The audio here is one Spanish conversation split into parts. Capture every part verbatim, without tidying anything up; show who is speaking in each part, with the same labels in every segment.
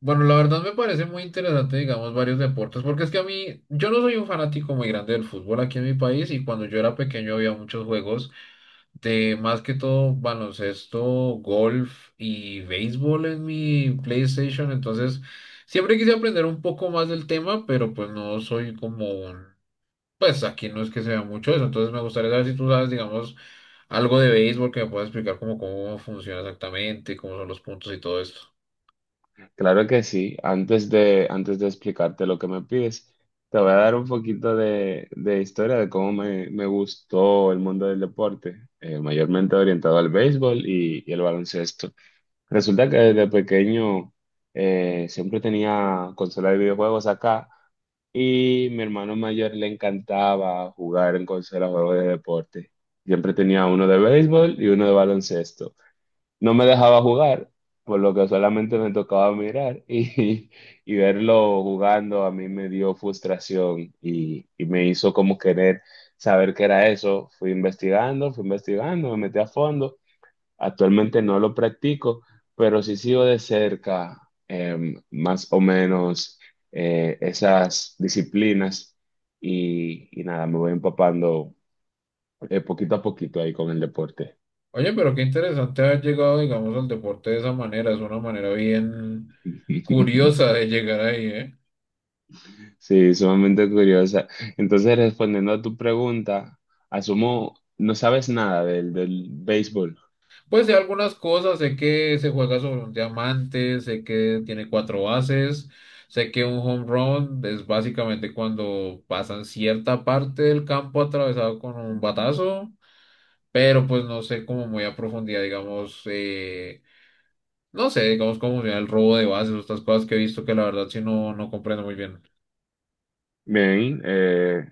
Speaker 1: Bueno, la verdad me parece muy interesante, digamos, varios deportes, porque es que a mí, yo no soy un fanático muy grande del fútbol aquí en mi país y cuando yo era pequeño había muchos juegos de más que todo baloncesto, golf y béisbol en mi PlayStation, entonces siempre quise aprender un poco más del tema, pero pues no soy como un, pues aquí no es que se vea mucho eso, entonces me gustaría saber si tú sabes, digamos, algo de béisbol que me puedas explicar como cómo funciona exactamente, cómo son los puntos y todo esto.
Speaker 2: Claro que sí. Antes de, antes de explicarte lo que me pides, te voy a dar un poquito de, de historia de cómo me, me gustó el mundo del deporte, eh, mayormente orientado al béisbol y, y el baloncesto. Resulta que desde pequeño eh, siempre tenía consola de videojuegos acá y mi hermano mayor le encantaba jugar en consola de juegos de deporte. Siempre tenía uno de béisbol y uno de baloncesto no me dejaba jugar, por lo que solamente me tocaba mirar y, y verlo jugando a mí me dio frustración y, y me hizo como querer saber qué era eso. Fui investigando, fui investigando, me metí a fondo. Actualmente no lo practico, pero sí sigo de cerca em, más o menos eh, esas disciplinas y, y nada, me voy empapando eh, poquito a poquito ahí con el deporte.
Speaker 1: Oye, pero qué interesante haber llegado, digamos, al deporte de esa manera. Es una manera bien curiosa de llegar ahí, ¿eh?
Speaker 2: Sí, sumamente curiosa. Entonces, respondiendo a tu pregunta, asumo, no sabes nada del, del béisbol.
Speaker 1: Pues sé algunas cosas, sé que se juega sobre un diamante, sé que tiene cuatro bases, sé que un home run es básicamente cuando pasan cierta parte del campo atravesado con un batazo, pero pues no sé como muy a profundidad, digamos, eh, no sé, digamos, cómo funciona el robo de bases, estas cosas que he visto que la verdad sí no, no comprendo muy bien.
Speaker 2: Bien, eh,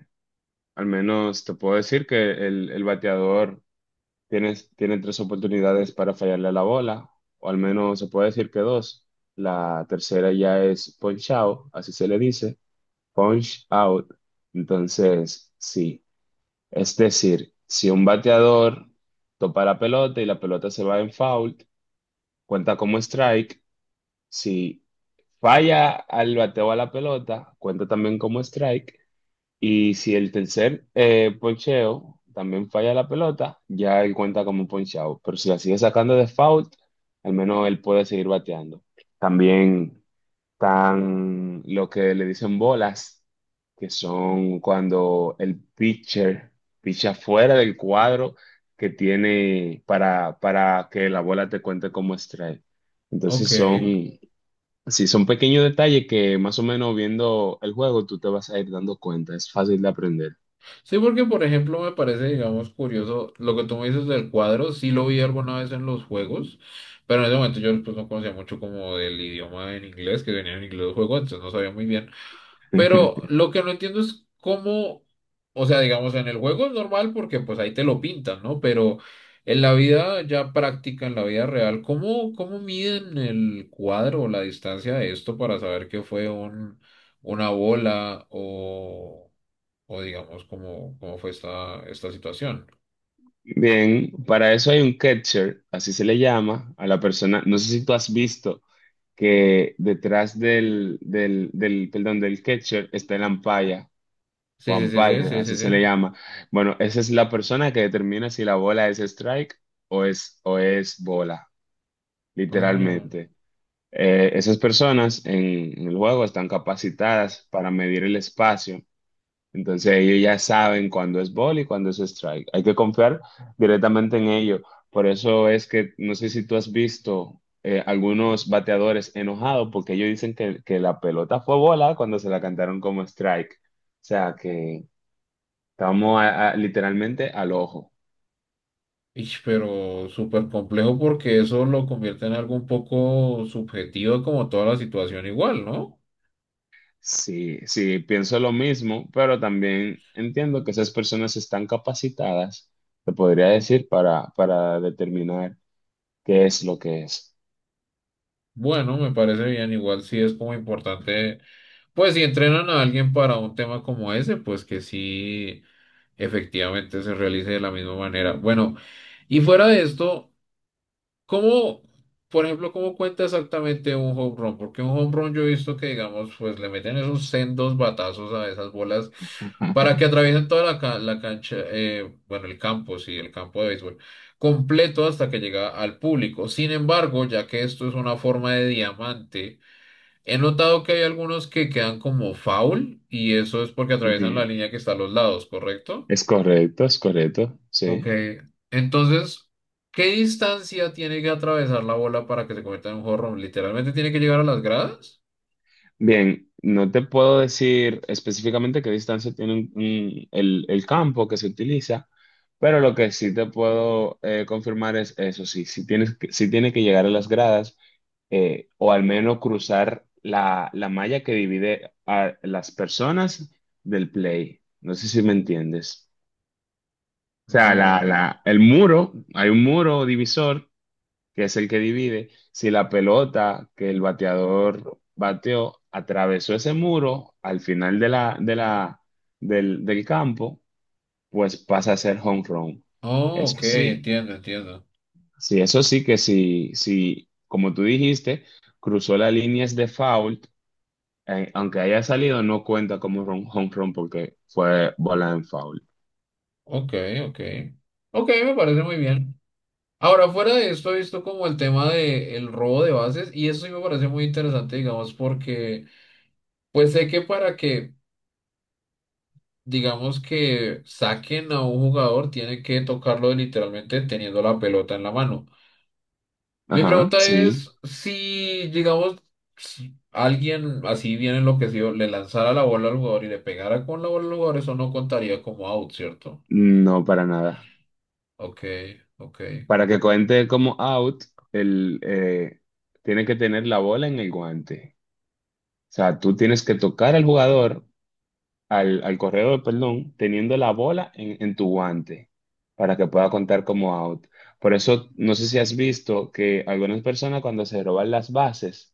Speaker 2: al menos te puedo decir que el, el bateador tiene, tiene tres oportunidades para fallarle a la bola, o al menos se puede decir que dos. La tercera ya es punch out, así se le dice, punch out. Entonces, sí, es decir, si un bateador topa la pelota y la pelota se va en foul, cuenta como strike. Si falla al bateo a la pelota, cuenta también como strike. Y si el tercer eh, poncheo también falla la pelota, ya él cuenta como ponchado. Pero si la sigue sacando de foul, al menos él puede seguir bateando. También están lo que le dicen bolas, que son cuando el pitcher picha fuera del cuadro que tiene para, para que la bola te cuente como strike.
Speaker 1: Ok.
Speaker 2: Entonces son, sí, son pequeños detalles que más o menos viendo el juego tú te vas a ir dando cuenta. Es fácil de aprender.
Speaker 1: Sí, porque por ejemplo me parece, digamos, curioso lo que tú me dices del cuadro, sí lo vi alguna vez en los juegos, pero en ese momento yo pues, no conocía mucho como del idioma en inglés, que venía en inglés el juego, entonces no sabía muy bien. Pero lo que no entiendo es cómo, o sea, digamos, en el juego es normal porque pues ahí te lo pintan, ¿no? Pero en la vida ya práctica, en la vida real, ¿cómo, cómo miden el cuadro o la distancia de esto para saber que fue un, una bola o... o digamos, cómo, cómo fue esta, esta situación?
Speaker 2: Bien, para eso hay un catcher, así se le llama a la persona. No sé si tú has visto que detrás del, del, del, perdón, del catcher está el umpire,
Speaker 1: Sí,
Speaker 2: o
Speaker 1: sí, sí, sí,
Speaker 2: umpire,
Speaker 1: sí,
Speaker 2: así
Speaker 1: sí,
Speaker 2: se
Speaker 1: sí.
Speaker 2: le llama. Bueno, esa es la persona que determina si la bola es strike o es, o es bola,
Speaker 1: Oh,
Speaker 2: literalmente. Eh, esas personas en, en el juego están capacitadas para medir el espacio, entonces ellos ya saben cuándo es ball y cuándo es strike. Hay que confiar directamente en ellos. Por eso es que no sé si tú has visto eh, algunos bateadores enojados porque ellos dicen que, que la pelota fue bola cuando se la cantaron como strike. O sea que estamos a- a- literalmente al ojo.
Speaker 1: ish, pero súper complejo porque eso lo convierte en algo un poco subjetivo como toda la situación igual, ¿no?
Speaker 2: Sí, sí, pienso lo mismo, pero también entiendo que esas personas están capacitadas, te podría decir, para, para determinar qué es lo que es.
Speaker 1: Bueno, me parece bien, igual sí es como importante, pues si entrenan a alguien para un tema como ese, pues que sí efectivamente se realice de la misma manera. Bueno, y fuera de esto... ¿Cómo, por ejemplo, cómo cuenta exactamente un home run? Porque un home run yo he visto que, digamos, pues le meten esos sendos batazos a esas bolas para que atraviesen toda la, ca- la cancha, eh, bueno, el campo, sí, el campo de béisbol, completo hasta que llega al público. Sin embargo, ya que esto es una forma de diamante, he notado que hay algunos que quedan como foul y eso es porque atraviesan la
Speaker 2: Ujú.
Speaker 1: línea que está a los lados, ¿correcto?
Speaker 2: Es correcto, es correcto,
Speaker 1: Ok,
Speaker 2: sí.
Speaker 1: entonces, ¿qué distancia tiene que atravesar la bola para que se convierta en un home? ¿Literalmente tiene que llegar a las gradas?
Speaker 2: Bien, no te puedo decir específicamente qué distancia tiene un- un- el, el campo que se utiliza, pero lo que sí te puedo eh, confirmar es eso, sí, si tienes, que- sí tiene que llegar a las gradas, eh, o al menos cruzar la, la malla que divide a las personas del play. No sé si me entiendes. O sea, la,
Speaker 1: No.
Speaker 2: la, el muro, hay un muro divisor que es el que divide, si la pelota que el bateador bateó atravesó ese muro al final de la, de la, del, del campo, pues pasa a ser home run.
Speaker 1: Oh, ok,
Speaker 2: Eso sí,
Speaker 1: entiendo, entiendo.
Speaker 2: sí, eso sí que si, si, como tú dijiste, cruzó las líneas de foul, eh, aunque haya salido, no cuenta como run- home run porque fue bola en foul.
Speaker 1: Ok, ok. Ok, me parece muy bien. Ahora, fuera de esto, he visto como el tema de el robo de bases y eso sí me parece muy interesante, digamos, porque pues sé que para que, digamos, que saquen a un jugador, tiene que tocarlo literalmente teniendo la pelota en la mano. Mi
Speaker 2: Ajá,
Speaker 1: pregunta es
Speaker 2: sí,
Speaker 1: si, digamos, si alguien así bien enloquecido le lanzara la bola al jugador y le pegara con la bola al jugador, eso no contaría como out, ¿cierto?
Speaker 2: no para nada.
Speaker 1: Ok, ok,
Speaker 2: Para que cuente como out, el, eh, tiene que tener la bola en el guante. O sea, tú tienes que tocar al jugador, al, al corredor, perdón, teniendo la bola en, en tu guante para que pueda contar como out. Por eso, no sé si has visto que algunas personas cuando se roban las bases,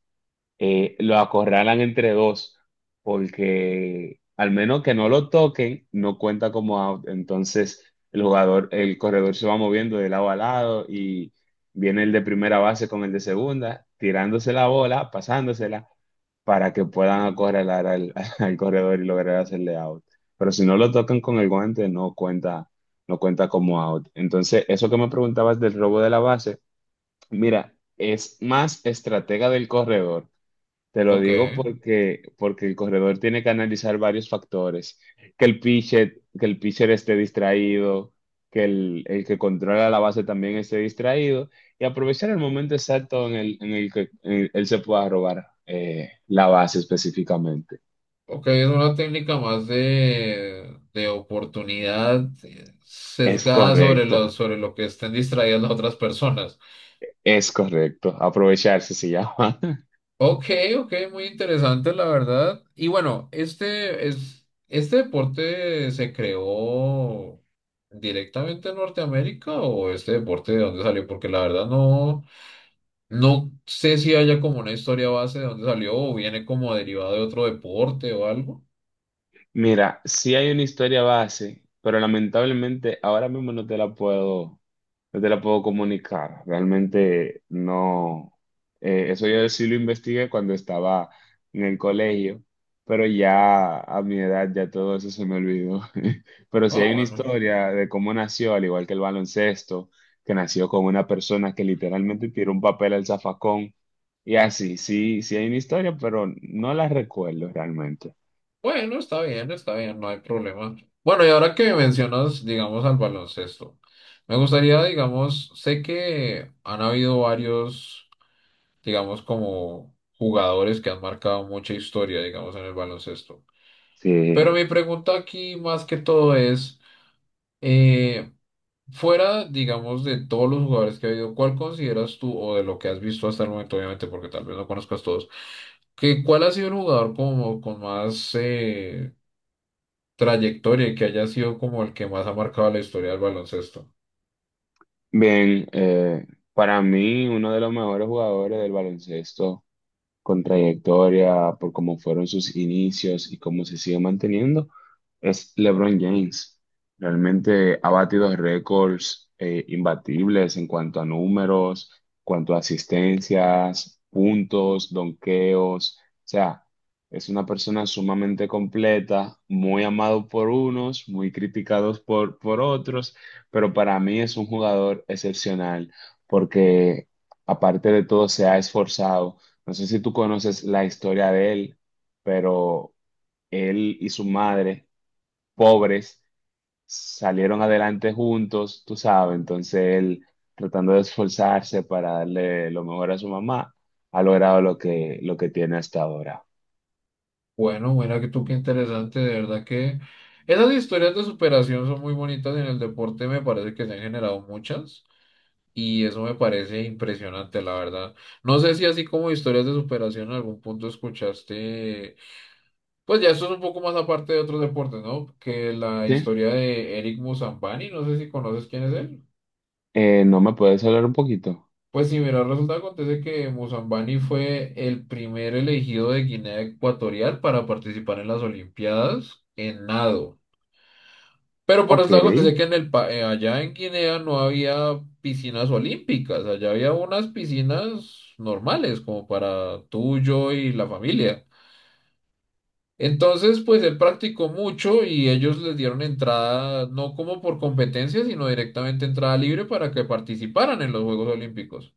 Speaker 2: eh, lo acorralan entre dos, porque al menos que no lo toquen, no cuenta como out. Entonces el jugador, el corredor se va moviendo de lado a lado y viene el de primera base con el de segunda, tirándose la bola, pasándosela, para que puedan acorralar al, al corredor y lograr hacerle out. Pero si no lo tocan con el guante, no cuenta, no cuenta como out. Entonces, eso que me preguntabas del robo de la base, mira, es más estratega del corredor, te lo
Speaker 1: ok.
Speaker 2: digo porque, porque el corredor tiene que analizar varios factores. Que el pitcher, que el pitcher esté distraído, que el, el que controla la base también esté distraído y aprovechar el momento exacto en el, en el que eh, él se pueda robar eh, la base específicamente.
Speaker 1: Ok, es una técnica más de, de oportunidad eh,
Speaker 2: Es
Speaker 1: sesgada sobre lo,
Speaker 2: correcto,
Speaker 1: sobre lo que estén distraídas las otras personas.
Speaker 2: es correcto. Aprovecharse se llama.
Speaker 1: Ok, ok, muy interesante la verdad. Y bueno, este es este deporte se creó directamente en Norteamérica o este deporte de dónde salió, porque la verdad no no sé si haya como una historia base de dónde salió o viene como derivado de otro deporte o algo.
Speaker 2: Mira, sí hay una historia base, pero lamentablemente ahora mismo no te la puedo, no te la puedo comunicar. Realmente no. eh, eso yo sí lo investigué cuando estaba en el colegio, pero ya a mi edad ya todo eso se me olvidó. Pero sí
Speaker 1: Ah,
Speaker 2: hay una
Speaker 1: bueno.
Speaker 2: historia de cómo nació, al igual que el baloncesto, que nació con una persona que literalmente tiró un papel al zafacón y así. Sí, sí hay una historia, pero no la recuerdo realmente.
Speaker 1: Bueno, está bien, está bien, no hay problema. Bueno, y ahora que mencionas, digamos, al baloncesto, me gustaría, digamos, sé que han habido varios digamos, como jugadores que han marcado mucha historia, digamos, en el baloncesto. Pero
Speaker 2: Sí.
Speaker 1: mi pregunta aquí más que todo es, eh, fuera, digamos, de todos los jugadores que ha habido, ¿cuál consideras tú, o de lo que has visto hasta el momento, obviamente, porque tal vez no conozcas todos, que cuál ha sido el jugador como con más eh, trayectoria y que haya sido como el que más ha marcado la historia del baloncesto?
Speaker 2: Bien, eh, para mí uno de los mejores jugadores del baloncesto con trayectoria, por cómo fueron sus inicios y cómo se sigue manteniendo, es LeBron James. Realmente ha batido récords eh, imbatibles en cuanto a números, cuanto a asistencias, puntos, donqueos. O sea, es una persona sumamente completa, muy amado por unos, muy criticados por, por otros, pero para mí es un jugador excepcional porque aparte de todo se ha esforzado, no sé si tú conoces la historia de él, pero él y su madre, pobres, salieron adelante juntos, tú sabes. Entonces él, tratando de esforzarse para darle lo mejor a su mamá, ha logrado lo que, lo que tiene hasta ahora.
Speaker 1: Bueno, mira que tú qué interesante, de verdad que esas historias de superación son muy bonitas en el deporte, me parece que se han generado muchas y eso me parece impresionante, la verdad. No sé si así como historias de superación en algún punto escuchaste, pues ya esto es un poco más aparte de otros deportes, ¿no? Que la
Speaker 2: ¿Sí?
Speaker 1: historia de Eric Musambani, no sé si conoces quién es él.
Speaker 2: Eh, No me puedes hablar un poquito?
Speaker 1: Pues sí, mira, resulta que acontece que Musambani fue el primer elegido de Guinea Ecuatorial para participar en las Olimpiadas en nado. Pero por los
Speaker 2: Ok,
Speaker 1: eso acontece que en el pa- eh, allá en Guinea no había piscinas olímpicas, allá había unas piscinas normales, como para tú, yo y la familia. Entonces, pues él practicó mucho y ellos les dieron entrada, no como por competencia, sino directamente entrada libre para que participaran en los Juegos Olímpicos.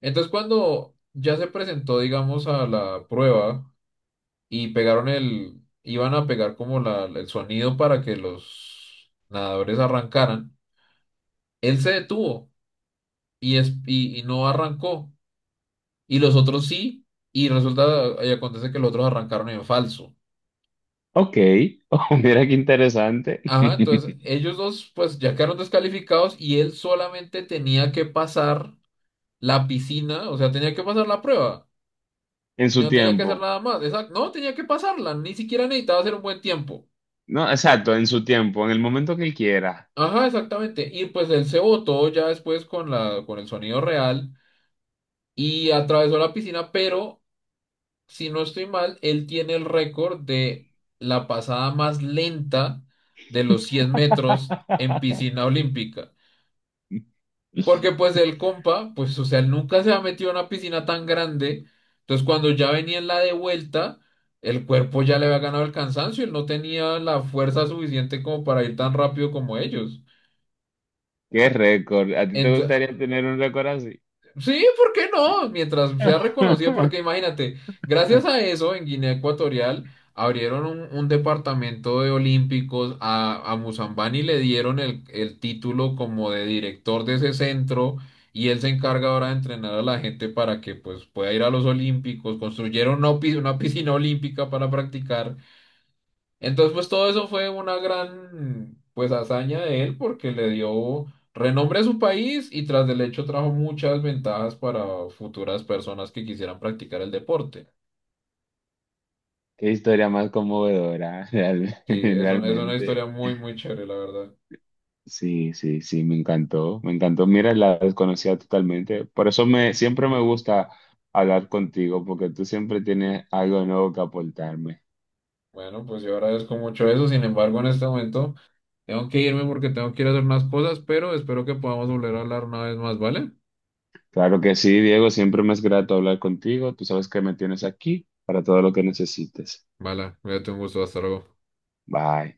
Speaker 1: Entonces, cuando ya se presentó, digamos, a la prueba y pegaron el, iban a pegar como la, el sonido para que los nadadores arrancaran. Él se detuvo y, es, y, y no arrancó. Y los otros sí. Y resulta y acontece que los otros arrancaron en falso.
Speaker 2: ok. Oh, mira qué interesante.
Speaker 1: Ajá, entonces ellos dos pues ya quedaron descalificados y él solamente tenía que pasar la piscina, o sea, tenía que pasar la prueba.
Speaker 2: En su
Speaker 1: No tenía que hacer
Speaker 2: tiempo.
Speaker 1: nada más. Exacto, no tenía que pasarla, ni siquiera necesitaba hacer un buen tiempo.
Speaker 2: No, exacto, en su tiempo, en el momento que él quiera.
Speaker 1: Ajá, exactamente. Y pues él se botó ya después con la, con el sonido real y atravesó la piscina, pero si no estoy mal, él tiene el récord de la pasada más lenta de los cien metros en piscina olímpica. Porque pues el compa, pues o sea, él nunca se ha metido en una piscina tan grande. Entonces cuando ya venía en la de vuelta, el cuerpo ya le había ganado el cansancio. Él no tenía la fuerza suficiente como para ir tan rápido como ellos.
Speaker 2: Qué récord. ¿A ti te
Speaker 1: Ento-
Speaker 2: gustaría tener un récord así?
Speaker 1: sí, ¿por qué no? Mientras sea reconocido, porque imagínate, gracias a eso en Guinea Ecuatorial abrieron un, un departamento de olímpicos, a, a Musambani le dieron el, el título como de director de ese centro y él se encarga ahora de entrenar a la gente para que pues pueda ir a los olímpicos, construyeron una, opi- una piscina olímpica para practicar entonces, pues todo eso fue una gran, pues, hazaña de él porque le dio renombre a su país y tras del hecho trajo muchas ventajas para futuras personas que quisieran practicar el deporte.
Speaker 2: Qué historia más conmovedora, real-
Speaker 1: Sí, es, un- es una historia
Speaker 2: realmente.
Speaker 1: muy, muy chévere, la verdad.
Speaker 2: Sí, sí, sí, me encantó, me encantó. Mira, la desconocía totalmente. Por eso me, siempre me gusta hablar contigo, porque tú siempre tienes algo nuevo que aportarme.
Speaker 1: Bueno, pues yo agradezco mucho eso. Sin embargo, en este momento tengo que irme porque tengo que ir a hacer unas cosas, pero espero que podamos volver a hablar una vez más, ¿vale?
Speaker 2: Claro que sí, Diego, siempre me es grato hablar contigo. Tú sabes que me tienes aquí para todo lo que necesites.
Speaker 1: Vale, cuídate, un gusto, hasta luego.
Speaker 2: Bye.